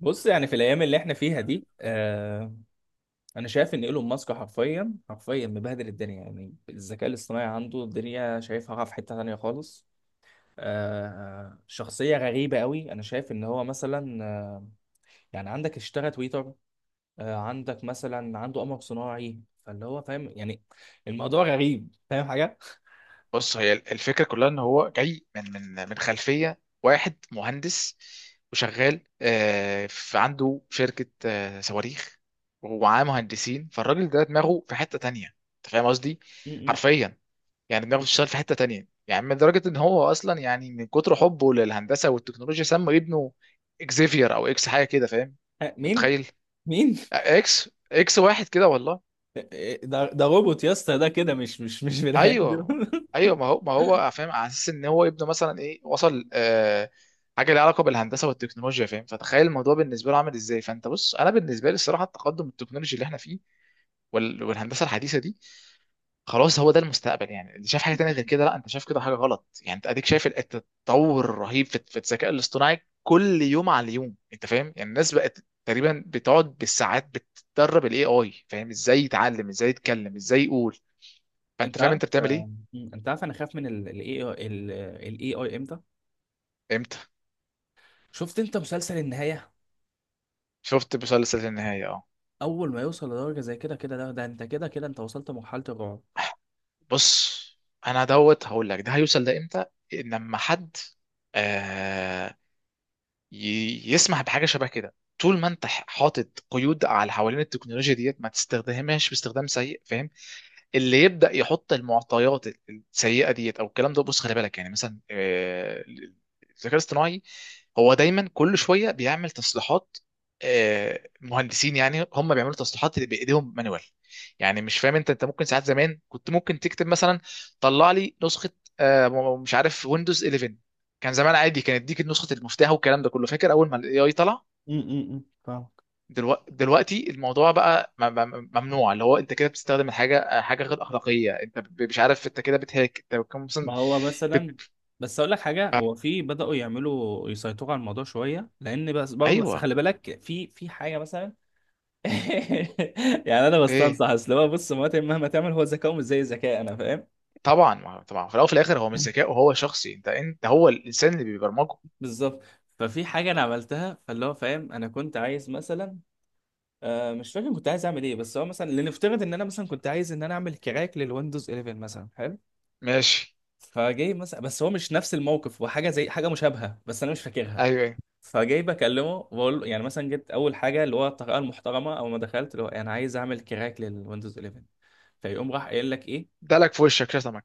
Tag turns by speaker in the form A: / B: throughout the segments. A: بص، يعني في الايام اللي احنا فيها دي، انا شايف ان ايلون ماسك حرفيا حرفيا مبهدل الدنيا. يعني الذكاء الاصطناعي عنده، الدنيا شايفها في حتة تانية خالص. شخصية غريبة قوي. انا شايف ان هو مثلا، يعني عندك اشترى تويتر. عندك مثلا عنده قمر صناعي. فاللي هو فاهم، يعني الموضوع غريب، فاهم حاجة؟
B: بص هي الفكره كلها ان هو جاي من خلفيه واحد مهندس وشغال في عنده شركه صواريخ ومعاه مهندسين فالراجل ده دماغه في حته تانية. انت فاهم قصدي؟
A: م- م.
B: حرفيا يعني دماغه بتشتغل في حته تانية، يعني من درجه ان هو اصلا يعني من كتر حبه للهندسه والتكنولوجيا سمى ابنه اكزيفير او اكس حاجه كده، فاهم؟ انت
A: مين؟
B: متخيل؟
A: مين؟
B: اكس اكس واحد كده والله.
A: ده روبوت يا اسطى، ده كده مش بني
B: ايوه،
A: ادم.
B: ايوه ما هو فاهم على اساس ان هو يبدو مثلا ايه وصل حاجه ليها علاقه بالهندسه والتكنولوجيا، فاهم؟ فتخيل الموضوع بالنسبه له عامل ازاي. فانت بص، انا بالنسبه لي الصراحه التقدم التكنولوجي اللي احنا فيه والهندسه الحديثه دي خلاص هو ده المستقبل. يعني اللي شاف حاجه تانية غير كده لا، انت شايف كده حاجه غلط. يعني انت اديك شايف التطور الرهيب في الذكاء الاصطناعي كل يوم على اليوم، انت فاهم؟ يعني الناس بقت تقريبا بتقعد بالساعات بتدرب الاي اي فاهم ازاي يتعلم، ازاي يتكلم، ازاي يقول. فانت
A: انت
B: فاهم
A: عارف
B: انت بتعمل ايه؟
A: آه، مم. انت عارف انا خايف من الاي اي. الاي اي امتى؟
B: امتى؟
A: شفت انت مسلسل النهايه؟
B: شفت مسلسل النهاية، اه.
A: اول ما يوصل لدرجه زي كده، كده ده انت كده، كده انت وصلت لمرحله الرعب.
B: بص انا دوت هقول لك ده هيوصل ده امتى. لما حد آه يسمح بحاجه شبه كده، طول ما انت حاطط قيود على حوالين التكنولوجيا ديت ما تستخدمهاش باستخدام سيء، فاهم؟ اللي يبدا يحط المعطيات السيئه ديت او الكلام ده، بص خلي بالك. يعني مثلا الذكاء الاصطناعي هو دايما كل شويه بيعمل تصليحات. مهندسين يعني هم بيعملوا تصليحات اللي بايديهم مانوال. يعني مش فاهم انت؟ انت ممكن ساعات زمان كنت ممكن تكتب مثلا طلع لي نسخه مش عارف ويندوز 11، كان زمان عادي كان يديك نسخه المفتاح والكلام ده كله. فاكر اول ما الاي اي طلع؟
A: فاهمك.
B: دلوقتي الموضوع بقى ممنوع. اللي هو انت كده بتستخدم حاجه، غير اخلاقيه، انت مش عارف انت كده بتهاك، انت بتكون مثلا
A: ما هو مثلا.
B: بت...
A: بس اقول لك حاجه،
B: آه،
A: هو في بداوا يعملوا يسيطروا على الموضوع شويه، لان بس برضه بس
B: ايوه.
A: خلي بالك، في حاجه مثلا. يعني انا
B: ايه؟
A: بستنصح، اصل هو بص، مراتي مهما تعمل، هو ذكاؤه مش زي ذكاء انا، فاهم؟
B: طبعا طبعا في الاول وفي الاخر هو مش ذكاء، وهو شخصي انت هو الانسان اللي بيبرمجه.
A: بالظبط. ففي حاجه انا عملتها، فاللي هو فاهم، انا كنت عايز مثلا، مش فاكر كنت عايز اعمل ايه. بس هو مثلا، لنفترض ان انا مثلا كنت عايز ان انا اعمل كراك للويندوز 11 مثلا، حلو.
B: ماشي.
A: فجاي مثلا، بس هو مش نفس الموقف، هو حاجه زي حاجه مشابهه بس انا مش فاكرها.
B: ايوه ايوه.
A: فجاي بكلمه بقول له، يعني مثلا جيت اول حاجه، اللي هو الطريقه المحترمه، اول ما دخلت اللي هو انا عايز اعمل كراك للويندوز 11. فيقوم راح قايل لك ايه؟
B: دلك في وشك شتمك.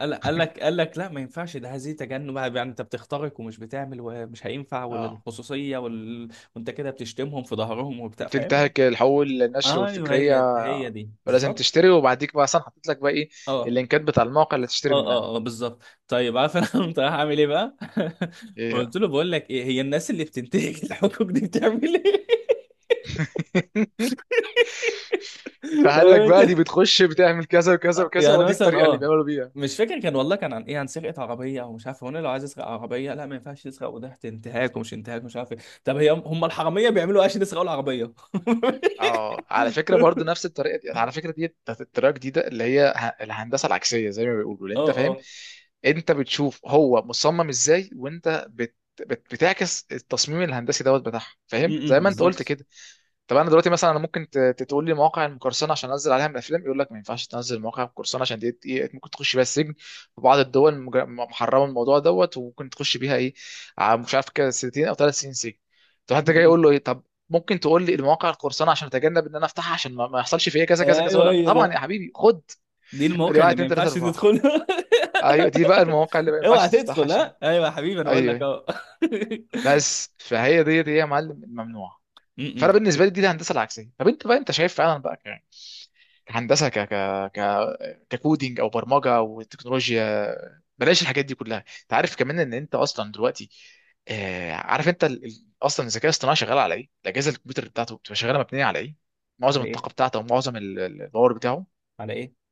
A: قال لك لا، ما ينفعش ده، هذه تجنب، يعني انت بتخترق ومش بتعمل ومش هينفع،
B: اه،
A: والخصوصيه وانت كده بتشتمهم في ظهرهم وبتاع، فاهم؟
B: وبتنتهك الحقوق النشر
A: ايوه، هي
B: والفكريه
A: هي دي
B: ولازم
A: بالظبط.
B: تشتري. وبعديك بقى اصلا حطيت لك بقى ايه
A: اه
B: اللينكات بتاع المواقع اللي تشتري
A: اه
B: منها.
A: اه اه، بالظبط. طيب، عارف انا قمت رايح اعمل ايه بقى؟
B: ايه بقى.
A: قلت له بقول لك ايه، هي الناس اللي بتنتهك الحقوق دي بتعمل ايه؟
B: فقال
A: فاهم
B: لك بقى
A: انت؟
B: دي بتخش بتعمل كذا وكذا وكذا
A: يعني
B: ودي
A: مثلا
B: الطريقه اللي
A: اه،
B: بيعملوا بيها.
A: مش فاكر، كان والله كان عن ايه، عن سرقه عربيه او مش عارف، هو أنا لو عايز اسرق عربيه، لا ما ينفعش تسرق، وده انتهاك ومش انتهاك، مش عارف ايه. طب هي، هم الحراميه بيعملوا ايه عشان يسرقوا العربيه؟
B: اه، على فكره برضو نفس الطريقه دي، على فكره دي بتاعت الطريقه الجديده اللي هي الهندسه العكسيه زي ما بيقولوا، اللي
A: اه
B: انت فاهم.
A: اه،
B: انت بتشوف هو مصمم ازاي، وانت بتعكس التصميم الهندسي دوت بتاعها، فاهم؟
A: م-
B: زي
A: م،
B: ما انت قلت
A: بالظبط.
B: كده. طب انا دلوقتي مثلا انا ممكن تقول لي مواقع المقرصنه عشان انزل عليها من الافلام، يقول لك ما ينفعش تنزل مواقع المقرصنه عشان دي ايه ممكن تخش بيها السجن في بعض الدول. محرمه الموضوع دوت وممكن تخش بيها ايه مش عارف كده سنتين او 3 سنين سجن. طب
A: م-
B: انت جاي
A: م.
B: يقول له ايه؟ طب ممكن تقول لي المواقع القرصنه عشان اتجنب ان انا افتحها، عشان ما يحصلش فيا كذا كذا كذا، اقول
A: ايوه،
B: لك
A: هي
B: طبعا يا
A: ده،
B: حبيبي خد،
A: دي
B: ادي
A: الموقع
B: 1
A: اللي ما
B: 2 3
A: ينفعش
B: 4،
A: تدخلها.
B: ايوه دي بقى المواقع اللي ما ينفعش
A: اوعى
B: تفتحها
A: تدخل،
B: عشان.
A: ها ايوه يا حبيبي انا بقول
B: ايوه
A: لك
B: ايوه.
A: اهو.
B: بس فهي دي يا معلم الممنوعه.
A: م-م.
B: فانا بالنسبه لي دي الهندسه العكسيه. طب انت بقى انت شايف فعلا بقى ك- كهندسه ك ك ك ككودينج او برمجه او تكنولوجيا، بلاش الحاجات دي كلها. انت عارف كمان ان انت اصلا دلوقتي عارف انت اصلا الذكاء الاصطناعي شغال على ايه؟ الاجهزه الكمبيوتر بتاعته بتبقى شغاله مبنيه على ايه؟ معظم
A: على ايه؟
B: الطاقه بتاعته ومعظم الباور بتاعه
A: على ايه؟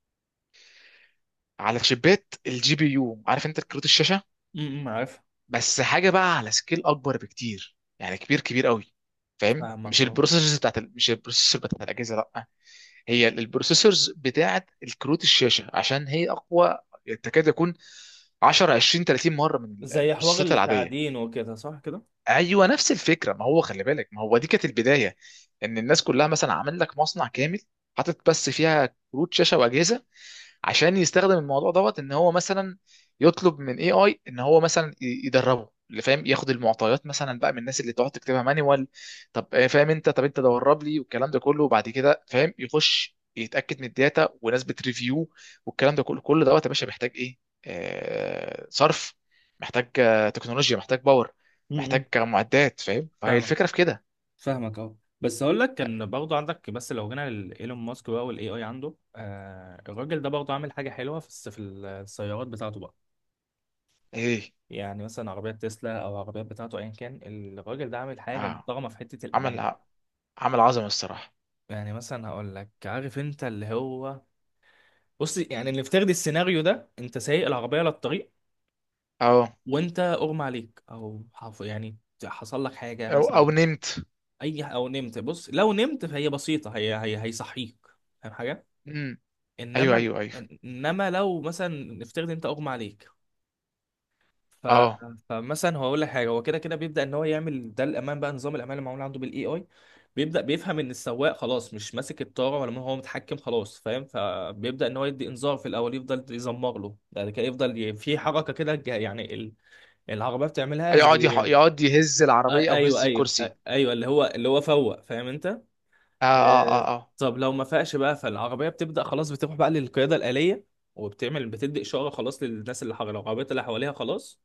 B: على شيبات الجي بي يو، عارف انت كروت الشاشه؟
A: م-م، عارف.
B: بس حاجه بقى على سكيل اكبر بكتير، يعني كبير قوي، فاهم؟
A: فاهمك
B: مش
A: اه.
B: البروسيسورز بتاعت مش البروسيسور بتاعت الاجهزه لا، هي البروسيسورز بتاعه الكروت الشاشه عشان هي اقوى، تكاد يكون 10 20 30 مره من
A: زي حوار
B: البروسيسات العاديه.
A: التعدين وكده، صح كده؟
B: ايوه نفس الفكره، ما هو خلي بالك، ما هو دي كانت البدايه. ان الناس كلها مثلا عامل لك مصنع كامل حاطط بس فيها كروت شاشه واجهزه عشان يستخدم الموضوع دوت، ان هو مثلا يطلب من اي اي ان هو مثلا يدربه، اللي فاهم ياخد المعطيات مثلا بقى من الناس اللي تقعد تكتبها مانيوال. طب فاهم انت؟ طب انت دورب لي والكلام ده كله، وبعد كده فاهم يخش يتاكد من الداتا وناس بتريفيو والكلام ده كله، كل دوت يا باشا محتاج ايه؟ آه صرف، محتاج تكنولوجيا، محتاج باور،
A: م-م.
B: محتاج معدات، فاهم؟ فهي
A: فاهمك،
B: الفكره في كده.
A: فاهمك اهو. بس هقول لك، كان برضه عندك، بس لو جينا لايلون ماسك بقى، والاي اي عنده، الراجل ده برضه عامل حاجه حلوه، في السيارات بتاعته بقى.
B: ايه؟
A: يعني مثلا عربيات تسلا او عربيات بتاعته، ايا كان، الراجل ده عامل حاجه
B: اه،
A: محترمه في حته
B: عمل
A: الامان.
B: ع- عمل عظمه الصراحه.
A: يعني مثلا هقول لك، عارف انت اللي هو، بص يعني اللي افترض السيناريو ده، انت سايق العربيه على الطريق
B: اه.
A: وانت اغمى عليك، او يعني حصل لك حاجه
B: او او
A: مثلا.
B: نمت.
A: اي او نمت، بص لو نمت فهي بسيطه، هي هيصحيك، فاهم حاجه؟
B: امم. ايوه
A: انما،
B: ايوه ايوه.
A: لو مثلا نفترض انت اغمى عليك، ف...
B: اه،
A: فمثلا هو اقول لك حاجه، هو كده كده بيبدا ان هو يعمل ده، الامان بقى، نظام الامان اللي معمول عنده بالاي اي، بيبدا بيفهم ان السواق خلاص مش ماسك الطاره ولا هو متحكم خلاص، فاهم؟ فبيبدا ان هو يدي انذار في الاول، يفضل يزمر له يعني كده، يفضل في حركه كده، يعني العربيه بتعملها، زي
B: يقعد يهز العربيه او
A: ايوه
B: يهز
A: ايوه
B: الكرسي.
A: ايوه، اللي هو اللي هو فوق، فاهم انت؟
B: اه اه اه
A: آه...
B: اه.
A: طب لو ما فاقش بقى، فالعربيه بتبدا خلاص، بتروح بقى للقياده الاليه، وبتعمل، بتدي اشاره خلاص للناس اللي حواليها، العربيات اللي حواليها خلاص،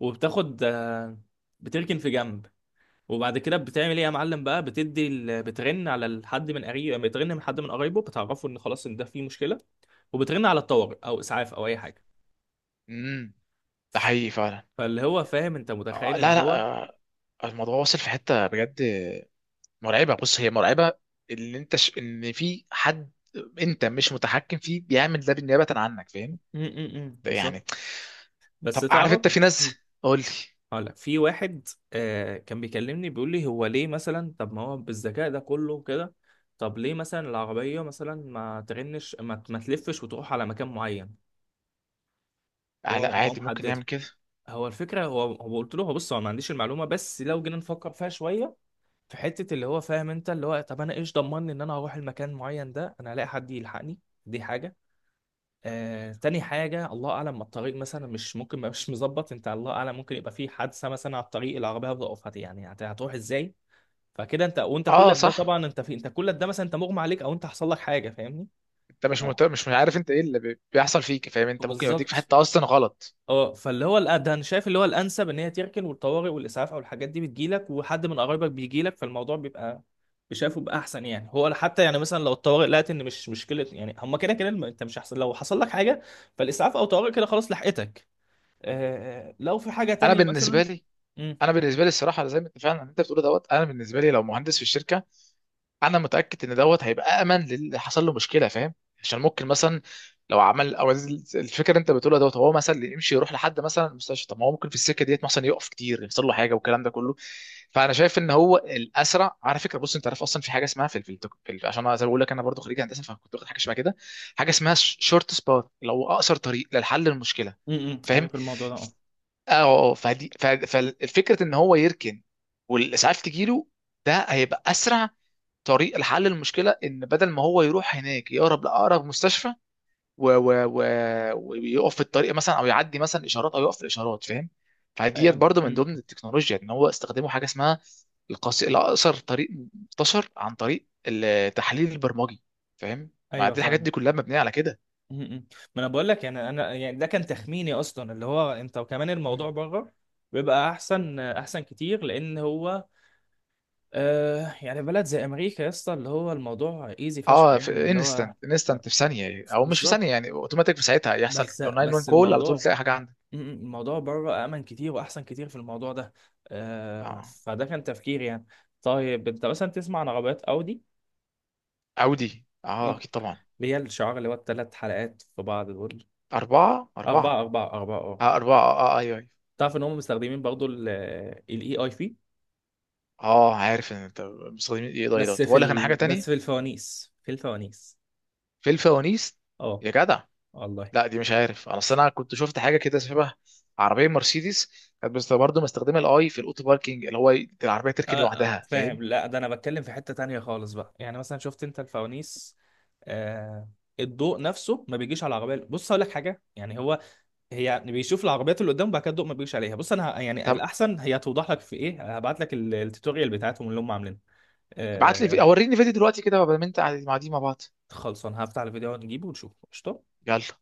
A: وبتاخد، بتركن في جنب. وبعد كده بتعمل ايه يا معلم بقى؟ بترن على حد من قريب، يعني بترن من حد من قرايبه بتعرفه ان خلاص ان ده فيه مشكله، وبترن على الطوارئ او اسعاف او اي حاجه.
B: امم. ده حقيقي فعلا.
A: فاللي هو فاهم، انت متخيل ان
B: لا لا،
A: هو.
B: الموضوع واصل في حته بجد مرعبه. بص هي مرعبه، اللي انت ان في حد انت مش متحكم فيه بيعمل ده بالنيابه عنك،
A: م-
B: فاهم؟
A: م- م،
B: يعني
A: بالظبط. بس
B: طب عارف
A: تعرف.
B: انت في
A: م.
B: ناس؟ قول لي.
A: هقول لك، في واحد كان بيكلمني، بيقول لي هو ليه مثلا، طب ما هو بالذكاء ده كله وكده، طب ليه مثلا العربيه مثلا ما ترنش، ما تلفش وتروح على مكان معين؟ هو
B: لا
A: هو
B: عادي، ممكن
A: محدد،
B: يعمل كده.
A: هو الفكره، هو هو قلت له، هو بص، هو ما عنديش المعلومه، بس لو جينا نفكر فيها شويه، في حته اللي هو فاهم انت، اللي هو طب انا ايش ضمني ان انا هروح المكان معين ده، انا هلاقي حد يلحقني؟ دي حاجه. تاني حاجه، الله اعلم ما الطريق مثلا مش ممكن، ما مش مظبط انت، الله اعلم ممكن يبقى في حادثه مثلا على الطريق، العربيه هتقف، يعني هتروح ازاي؟ فكده انت، وانت
B: اه
A: كل ده
B: صح،
A: طبعا، انت في، انت كل ده مثلا انت مغمى عليك او انت حصل لك حاجه، فاهمني؟
B: انت
A: آه.
B: مش عارف انت ايه اللي بيحصل فيك، فاهم؟ انت ممكن يوديك في
A: بالظبط.
B: حته اصلا غلط.
A: اه، فاللي هو ده انا شايف اللي هو الانسب ان هي تركن، والطوارئ والاسعاف او الحاجات دي بتجيلك، وحد من قرايبك بيجيلك، فالموضوع بيبقى، شايفه بيبقى احسن يعني. هو حتى يعني مثلا لو الطوارئ لقت ان مش مشكله، يعني هما كده كده انت مش هحصل، لو حصل لك حاجه، فالاسعاف او طوارئ كده خلاص لحقتك. آه، آه، لو في حاجه
B: انا
A: تانية
B: بالنسبه
A: مثلا.
B: لي
A: امم.
B: انا بالنسبه لي الصراحه زي ما انت فعلا انت بتقول دوت، انا بالنسبه لي لو مهندس في الشركه انا متاكد ان دوت هيبقى امن للي حصل له مشكله، فاهم؟ عشان ممكن مثلا لو عمل او الفكره اللي انت بتقولها دوت هو مثلا اللي يمشي يروح لحد مثلا المستشفى، طب ما هو ممكن في السكه ديت مثلا يقف كتير يحصل له حاجه والكلام ده كله. فانا شايف ان هو الاسرع. على فكره بص انت عارف اصلا في حاجه اسمها عشان انا زي ما بقول لك انا برضو خريج هندسه، فكنت واخد حاجه شبه كده، حاجه اسمها شورت سبات، اللي هو اقصر طريق للحل المشكله،
A: امم،
B: فاهم؟
A: عارف الموضوع ده اه.
B: اه. فدي فالفكره ان هو يركن والاسعاف تجيله، ده هيبقى اسرع طريق لحل المشكله، ان بدل ما هو يروح هناك يقرب لاقرب مستشفى و... و... و... ويقف في الطريق مثلا، او يعدي مثلا اشارات، او يقف في الاشارات، فاهم؟
A: أي-
B: فديت برضو من
A: أمم.
B: ضمن التكنولوجيا ان هو استخدموا حاجه اسمها الاقصر طريق، منتشر عن طريق التحليل البرمجي، فاهم؟ ما
A: ايوه
B: دي الحاجات
A: فاهم.
B: دي كلها مبنيه على كده.
A: أمم. ما انا بقول لك، يعني انا، يعني ده كان تخميني اصلا، اللي هو انت وكمان
B: مم.
A: الموضوع بره بيبقى احسن احسن كتير، لان هو، يعني بلد زي امريكا يا اسطى، اللي هو الموضوع ايزي فشخ
B: اه
A: يعني
B: في
A: اللي هو،
B: انستنت،
A: آه،
B: انستنت في ثانيه، او مش في
A: بالظبط.
B: ثانيه يعني اوتوماتيك في ساعتها يحصل
A: بس
B: 911
A: بس
B: كول على طول،
A: الموضوع،
B: تلاقي حاجه عندك.
A: م- م- الموضوع بره امن كتير واحسن كتير في الموضوع ده.
B: اه.
A: فده كان تفكيري يعني. طيب، انت مثلا تسمع عن عربيات اودي؟
B: اودي،
A: م.
B: اه اكيد طبعا.
A: اللي هي الشعار اللي هو الثلاث حلقات في بعض دول.
B: اربعه اربعه.
A: اربعه، اربعه اربعه، اه.
B: اه، أربعة، اه اه، أيوه أيوه.
A: تعرف ان هم مستخدمين برضو الاي اي في،
B: اه عارف إن أنت مستخدمين. إيه ده؟ إيه ده؟ طب أقول لك أنا حاجة
A: بس في
B: تانية.
A: الفوانيس، في الفوانيس،
B: في الفوانيس؟
A: اه.
B: يا جدع.
A: والله.
B: لا دي مش عارف، أنا أصل أنا كنت شفت حاجة كده شبه، عربية مرسيدس، كانت بس برضه مستخدمة الأي في الأوتو باركينج، اللي هو العربية تركن لوحدها، فاهم؟
A: فاهم؟ لا، ده انا بتكلم في حتة تانية خالص بقى، يعني مثلا شفت انت الفوانيس؟ آه، الضوء نفسه ما بيجيش على العربية. بص اقول لك حاجة، يعني هو، هي يعني بيشوف العربيات اللي قدامه وبعد كده الضوء ما بيجيش عليها. بص انا يعني
B: طب
A: الاحسن هي توضح لك في ايه، هبعت لك التوتوريال بتاعتهم اللي هم عاملينه.
B: ابعت لي
A: آه،
B: أوريني فيديو دلوقتي كده بدل ما أنت قاعد مع دي مع بعض.
A: خلصان، هفتح الفيديو ونجيبه ونشوفه، قشطة.
B: يلا.